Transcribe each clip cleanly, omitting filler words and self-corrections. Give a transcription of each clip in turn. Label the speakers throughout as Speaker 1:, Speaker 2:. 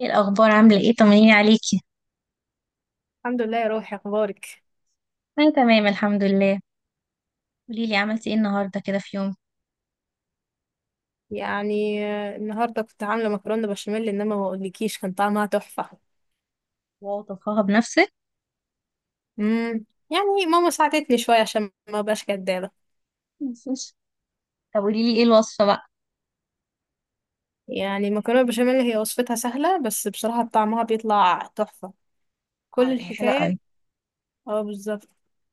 Speaker 1: ايه الاخبار، عامله ايه، طمنيني عليكي؟
Speaker 2: الحمد لله يا روحي، اخبارك؟
Speaker 1: انا تمام الحمد لله. قولي لي عملتي ايه النهارده كده في يوم؟
Speaker 2: يعني النهارده كنت عامله مكرونه بشاميل، انما ما اقولكيش كان طعمها تحفه.
Speaker 1: واو، طبخها بنفسك؟
Speaker 2: امم. يعني ماما ساعدتني شويه عشان ما ابقاش كدابه.
Speaker 1: مفيش. طب قولي لي ايه الوصفه بقى؟
Speaker 2: يعني المكرونه بشاميل هي وصفتها سهله، بس بصراحه طعمها بيطلع تحفه.
Speaker 1: اه
Speaker 2: كل
Speaker 1: لا، هي حلوه
Speaker 2: الحكايه.
Speaker 1: قوي.
Speaker 2: اه، بالظبط.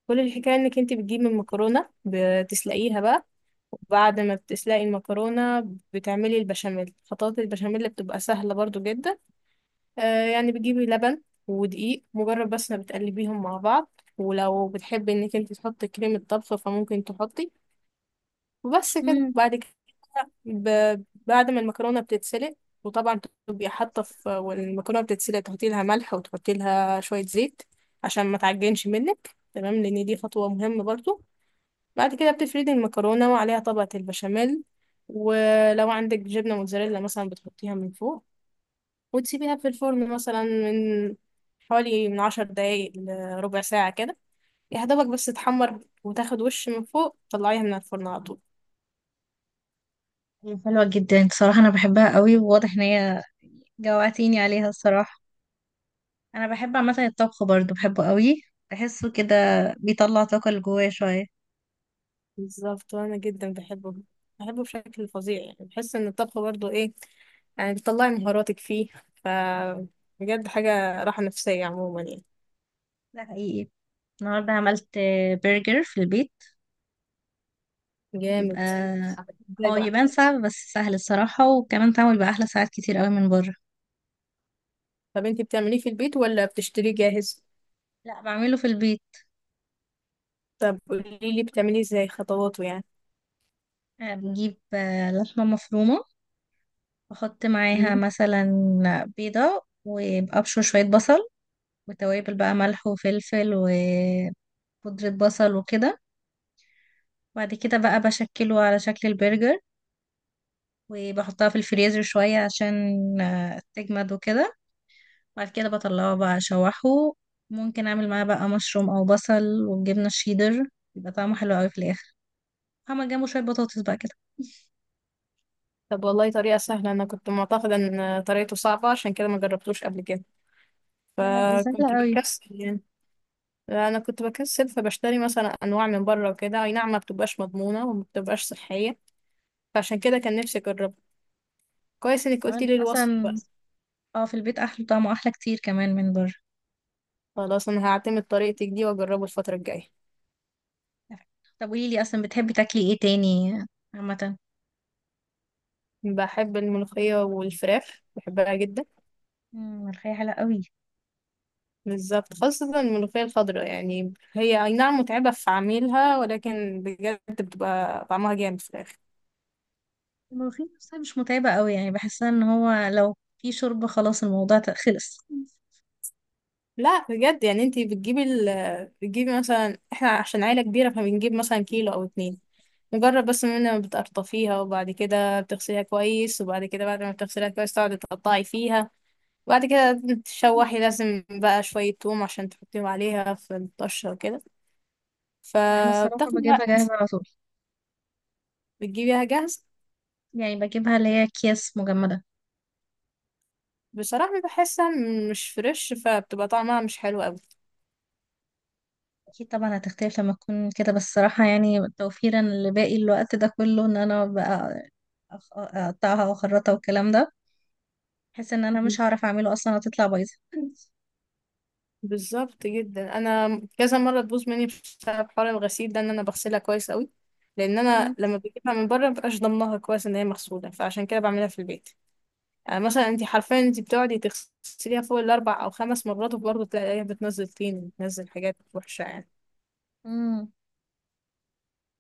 Speaker 2: كل الحكايه انك انت بتجيبي المكرونه بتسلقيها بقى. وبعد ما بتسلقي المكرونه، بتعملي البشاميل. خطوات البشاميل بتبقى سهله برضو جدا. يعني بتجيبي لبن ودقيق، مجرد بس ما بتقلبيهم مع بعض. ولو بتحبي انك انت تحطي كريمة طبخ فممكن تحطي، وبس كده.
Speaker 1: امم.
Speaker 2: بعد كده ب... بعد ما المكرونة بتتسلق، وطبعا تبقي حاطة في والمكرونة بتتسلق، تحطي لها ملح وتحطي لها شوية زيت عشان ما تعجنش منك، تمام، لان دي خطوة مهمة برضو. بعد كده بتفردي المكرونة وعليها طبقة البشاميل. ولو عندك جبنة موتزاريلا مثلا بتحطيها من فوق، وتسيبيها في الفرن مثلا من حوالي من 10 دقايق لربع ساعة كده، يا دوبك بس تحمر وتاخد وش من فوق، طلعيها من الفرن على طول.
Speaker 1: هي حلوه جدا بصراحه، انا بحبها قوي، وواضح ان هي جوعتيني عليها الصراحه. انا بحب عامه الطبخ برضو، بحبه قوي. بحسه كده بيطلع طاقه اللي جوايا شويه.
Speaker 2: بالظبط، وأنا جدا بحبه. بحبه بشكل فظيع، يعني بحس إن الطبخ برضه إيه، يعني بتطلعي مهاراتك فيه. ف بجد حاجة راحة نفسية عموما يعني.
Speaker 1: ده حقيقي. النهارده عملت برجر في البيت.
Speaker 2: جامد.
Speaker 1: بيبقى
Speaker 2: ازاي
Speaker 1: اه،
Speaker 2: بقى؟
Speaker 1: يبان صعب بس سهل الصراحه، وكمان تعمل بقى احلى ساعات كتير قوي من بره.
Speaker 2: طب انتي بتعمليه في البيت ولا بتشتريه جاهز؟
Speaker 1: لا، بعمله في البيت.
Speaker 2: طب قوليلي بتعمليه ازاي، خطواته يعني؟
Speaker 1: بجيب لحمة مفرومة. بحط معاها
Speaker 2: مم.
Speaker 1: مثلا بيضة وأبشر شوية بصل، وتوابل بقى ملح وفلفل وبودرة بصل وكده. بعد كده بقى بشكله على شكل البرجر، وبحطها في الفريزر شوية عشان تجمد وكده. بعد كده بطلعه بقى أشوحه، ممكن أعمل معاه بقى مشروم أو بصل والجبنة الشيدر. بيبقى طعمه حلو أوي في الآخر. هعمل جنبه شوية بطاطس بقى كده.
Speaker 2: طب والله طريقة سهلة. انا كنت معتقدة ان طريقته صعبة، عشان كده ما جربتوش قبل كده،
Speaker 1: لا، سهلة
Speaker 2: فكنت
Speaker 1: أوي.
Speaker 2: بكسل يعني. انا كنت بكسل فبشتري مثلا انواع من بره وكده. اي نعم، ما بتبقاش مضمونه وما بتبقاش صحيه، فعشان كده كان نفسي اجربها. كويس انك قلتي
Speaker 1: كمان
Speaker 2: لي الوصف
Speaker 1: أصلا
Speaker 2: بقى.
Speaker 1: اه، في البيت احلى طعمه، احلى كتير كمان من بره.
Speaker 2: خلاص، انا هعتمد طريقتك دي واجربه الفتره الجايه.
Speaker 1: طب قولي لي اصلا بتحبي تاكلي ايه تاني عامه؟
Speaker 2: بحب الملوخيه والفراخ، بحبها جدا.
Speaker 1: مم، الملوخيه حلوه قوي.
Speaker 2: بالظبط، خاصة الملوخية الخضراء. يعني هي أي نعم متعبة في عميلها، ولكن بجد بتبقى طعمها جامد في الآخر.
Speaker 1: الملوخيه نفسها مش متعبه قوي يعني، بحسها ان هو لو في شوربه خلاص الموضوع خلص.
Speaker 2: لا بجد، يعني انتي بتجيبي مثلا. احنا عشان عيلة كبيرة فبنجيب مثلا كيلو او 2. مجرد بس من ما بتقرطفيها، وبعد كده بتغسليها كويس، وبعد كده بعد ما بتغسليها كويس تقعدي تقطعي فيها. وبعد كده تشوحي، لازم بقى شوية توم عشان تحطيهم عليها في الطشة وكده.
Speaker 1: لا، انا الصراحه
Speaker 2: فبتاخد
Speaker 1: بجيبها
Speaker 2: وقت.
Speaker 1: جاهزه على طول.
Speaker 2: بتجيبيها جاهزة؟
Speaker 1: يعني بجيبها اللي هي اكياس مجمده.
Speaker 2: بصراحة بحسها مش فريش، فبتبقى طعمها مش حلو أوي.
Speaker 1: اكيد طبعا هتختلف لما تكون كده، بس الصراحه يعني توفيرا لباقي الوقت ده كله ان انا بقى اقطعها واخرطها والكلام ده. بحس ان انا مش هعرف اعمله اصلا، هتطلع بايظه.
Speaker 2: بالظبط جدا. انا كذا مره تبوظ مني بسبب حوار الغسيل ده، ان انا بغسلها كويس قوي، لان انا
Speaker 1: مم.
Speaker 2: لما بجيبها من بره مبقاش ضمنها كويس ان هي مغسوله، فعشان كده بعملها في البيت. يعني مثلا انت حرفيا انت بتقعدي تغسليها فوق الاربع او خمس مرات، وبرضه تلاقيها بتنزل طين وبتنزل حاجات وحشه يعني.
Speaker 1: مم.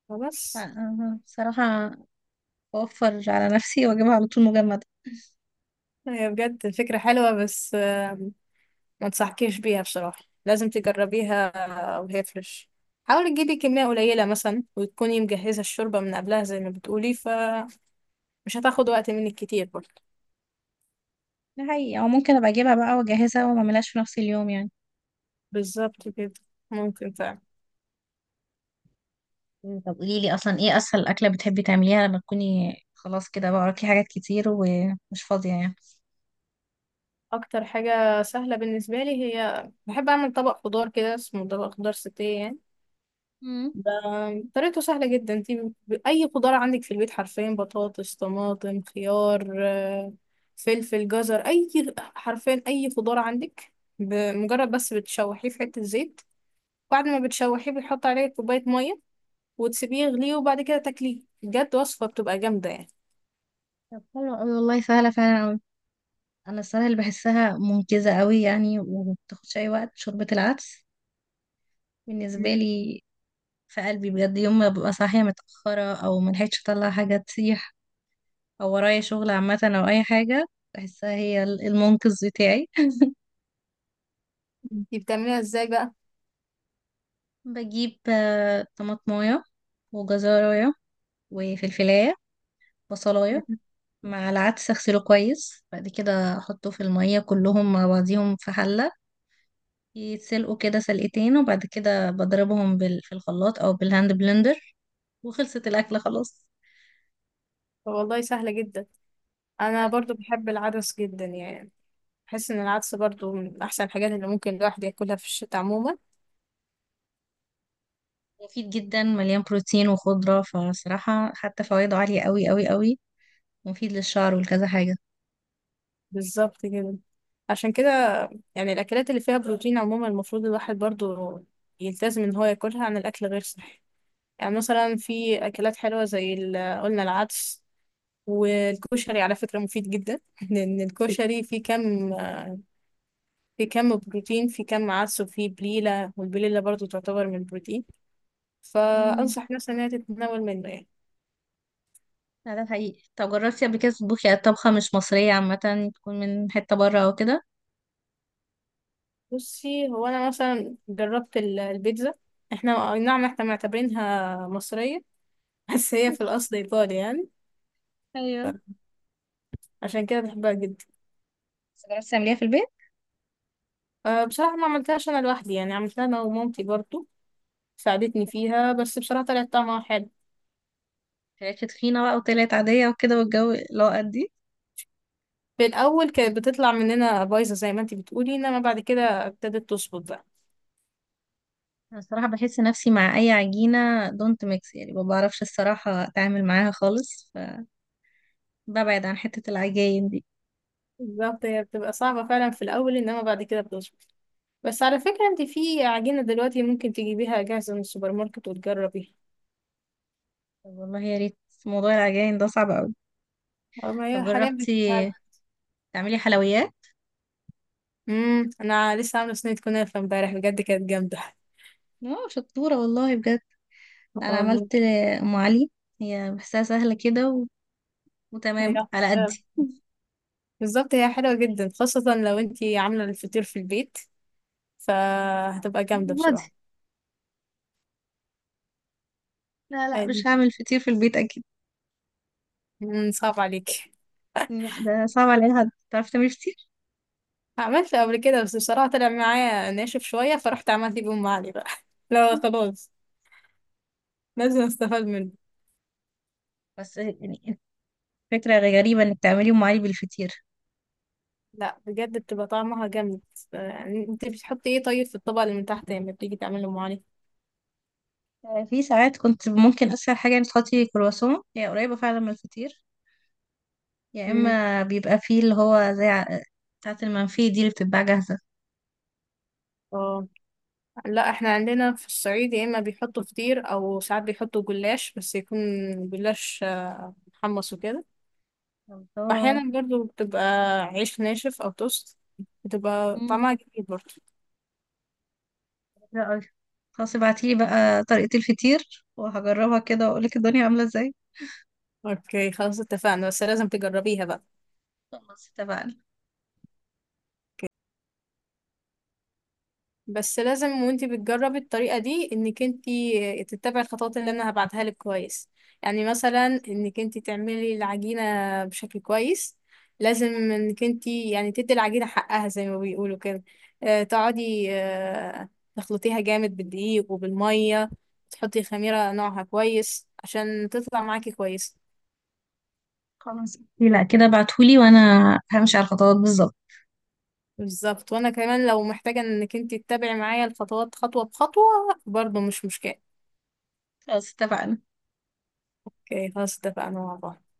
Speaker 2: فبس.
Speaker 1: أه، بصراحة بوفر على نفسي واجيبها على طول مجمدة.
Speaker 2: هي بجد فكره حلوه، بس ما انصحكيش بيها بصراحه. لازم تجربيها وهي فريش. حاولي تجيبي كميه قليله مثلا، وتكوني مجهزه الشوربه من قبلها زي ما بتقولي. مش هتاخد وقت منك كتير برضه.
Speaker 1: ده حقيقي، او ممكن ابقى اجيبها بقى واجهزها وما اعملهاش في نفس اليوم يعني.
Speaker 2: بالظبط كده، ممكن فعلا.
Speaker 1: مم، طب قولي لي اصلا ايه اسهل اكله بتحبي تعمليها لما تكوني خلاص كده بقى وراكي حاجات كتير ومش فاضيه يعني؟
Speaker 2: اكتر حاجة سهلة بالنسبة لي، هي بحب اعمل طبق خضار كده اسمه طبق خضار ستيه يعني.
Speaker 1: مم.
Speaker 2: ده طريقته سهلة جدا. انتي اي خضار عندك في البيت، حرفيا: بطاطس، طماطم، خيار، فلفل، جزر، اي، حرفيا اي خضار عندك. بمجرد بس بتشوحيه في حتة زيت، بعد ما بتشوحيه بتحط عليه كوباية مية وتسيبيه يغليه، وبعد كده تاكليه. بجد وصفة بتبقى جامدة يعني.
Speaker 1: طب حلو قوي والله، سهلة فعلا قوي. انا الصراحة اللي بحسها منقذة قوي يعني ومبتاخدش اي وقت، شوربة العدس بالنسبة
Speaker 2: مم.
Speaker 1: لي. في قلبي بجد، يوم ما ببقى صاحية متأخرة او ملحقتش اطلع حاجة تسيح، او ورايا شغل عامة او اي حاجة، بحسها هي المنقذ بتاعي.
Speaker 2: انتي بتعمليها ازاي بقى؟
Speaker 1: بجيب طماطمايه، وجزرايه، وفلفلاية، بصلاية،
Speaker 2: مم.
Speaker 1: مع العدس. اغسله كويس، بعد كده احطه في المية كلهم مع بعضيهم في حلة، يتسلقوا كده سلقتين، وبعد كده بضربهم في الخلاط او بالهاند بلندر. وخلصت الاكلة خلاص.
Speaker 2: والله سهلة جدا. أنا برضو بحب العدس جدا يعني. بحس إن العدس برضو من أحسن الحاجات اللي ممكن الواحد ياكلها في الشتاء عموما.
Speaker 1: مفيد جدا، مليان بروتين وخضرة، فصراحة حتى فوائده عالية قوي قوي قوي. ومفيد للشعر ولكذا
Speaker 2: بالظبط كده. عشان كده، يعني الأكلات اللي فيها بروتين عموما، المفروض الواحد برضو يلتزم إن هو ياكلها عن الأكل غير صحي. يعني مثلا في أكلات حلوة زي قلنا العدس. والكشري على فكرة مفيد جدا. لأن الكشري فيه كم في كم بروتين، في كم عدس، وفيه بليلة، والبليلة برضو تعتبر من البروتين.
Speaker 1: حاجة.
Speaker 2: فأنصح مثلا إنها تتناول منه يعني.
Speaker 1: لا ده حقيقي. طب جربتي قبل كده تطبخي يعني طبخة مش مصرية عامة، تكون من حتة بره أو كده؟
Speaker 2: بصي، هو أنا مثلا جربت البيتزا. احنا أي نعم احنا معتبرينها مصرية. بس هي في الأصل إيطالي يعني.
Speaker 1: ايوه.
Speaker 2: عشان كده بحبها جدا.
Speaker 1: بس جربتي تعمليها في البيت؟
Speaker 2: أه، بصراحة ما عملتهاش أنا لوحدي يعني. عملتها أنا ومامتي برضو ساعدتني فيها، بس بصراحة طلعت طعمها حلو.
Speaker 1: طلعت تخينة بقى وطلعت عادية وكده، والجو اللي هو قد إيه؟
Speaker 2: في الأول كانت بتطلع مننا بايظة زي ما انتي بتقولي، إنما بعد كده ابتدت تظبط بقى.
Speaker 1: أنا الصراحة بحس نفسي مع أي عجينة دونت ميكس يعني، ما بعرفش الصراحة أتعامل معاها خالص، فببعد عن حتة العجاين دي.
Speaker 2: بالظبط، هي بتبقى صعبة فعلا في الأول، إنما بعد كده بتظبط. بس على فكرة، انت في عجينة دلوقتي ممكن تجيبيها جاهزة من السوبر ماركت وتجربيها.
Speaker 1: طب والله يا ريت، موضوع العجاين ده صعب أوي.
Speaker 2: اه، ما
Speaker 1: طب
Speaker 2: هي حاليا
Speaker 1: جربتي
Speaker 2: بتتعب.
Speaker 1: تعملي حلويات؟
Speaker 2: انا لسه عاملة صينية كنافة امبارح، بجد كانت جامدة.
Speaker 1: اه، شطورة والله بجد. أنا
Speaker 2: الله.
Speaker 1: عملت أم علي. هي بحسها سهلة كده و... وتمام
Speaker 2: هي
Speaker 1: على
Speaker 2: بالظبط، هي حلوة جدا، خاصة لو انت عاملة الفطير في البيت فهتبقى جامدة
Speaker 1: قدي.
Speaker 2: بصراحة.
Speaker 1: لا لا،
Speaker 2: أي-
Speaker 1: مش هعمل فطير في البيت اكيد.
Speaker 2: صعب عليك.
Speaker 1: لا، ده صعب على اي حد تعرف تعملي فطير.
Speaker 2: عملت قبل كده، بس بصراحة طلع معايا ناشف شوية، فرحت عملت بأم علي بقى. لا خلاص، لازم استفاد منه.
Speaker 1: بس يعني، فكرة غريبة انك تعملي ام علي بالفطير.
Speaker 2: لا بجد، بتبقى طعمها جامد. يعني انت بتحطي ايه طيب في الطبق اللي من تحت لما بتيجي تعملي ام علي؟
Speaker 1: في ساعات كنت ممكن اسهل حاجة انك تحطي كرواسون، هي قريبة فعلا من الفطير. يا
Speaker 2: مم.
Speaker 1: اما بيبقى فيه اللي هو زي بتاعة المنفي دي اللي بتتباع جاهزة.
Speaker 2: اه لا، احنا عندنا في الصعيد يا اما بيحطوا فطير، او ساعات بيحطوا جلاش، بس يكون جلاش محمص وكده.
Speaker 1: الله.
Speaker 2: واحيانا برضو بتبقى عيش ناشف او توست، بتبقى
Speaker 1: مم.
Speaker 2: طعمها جميل برضو.
Speaker 1: لا، خلاص ابعتيلي بقى طريقة الفطير وهجربها كده واقولك الدنيا عاملة ازاي.
Speaker 2: اوكي، خلاص اتفقنا، بس لازم تجربيها بقى.
Speaker 1: خلاص اتفقنا.
Speaker 2: بس لازم وانتي بتجربي الطريقة دي، انك انتي تتبعي الخطوات اللي انا هبعتها لك كويس. يعني مثلا انك انتي تعملي العجينة بشكل كويس. لازم انك انتي يعني تدي العجينة حقها زي ما بيقولوا كده. اه تقعدي تخلطيها جامد بالدقيق وبالمية، تحطي خميرة نوعها كويس عشان تطلع معاكي كويس.
Speaker 1: خلاص، لا كده ابعتهولي وانا همشي على الخطوات بالظبط.
Speaker 2: بالظبط. وانا كمان لو محتاجة انك انتي تتبعي معايا الخطوات خطوة بخطوة، برضه مش مشكلة.
Speaker 1: خلاص اتفقنا.
Speaker 2: اوكي، خلاص اتفقنا مع بعض.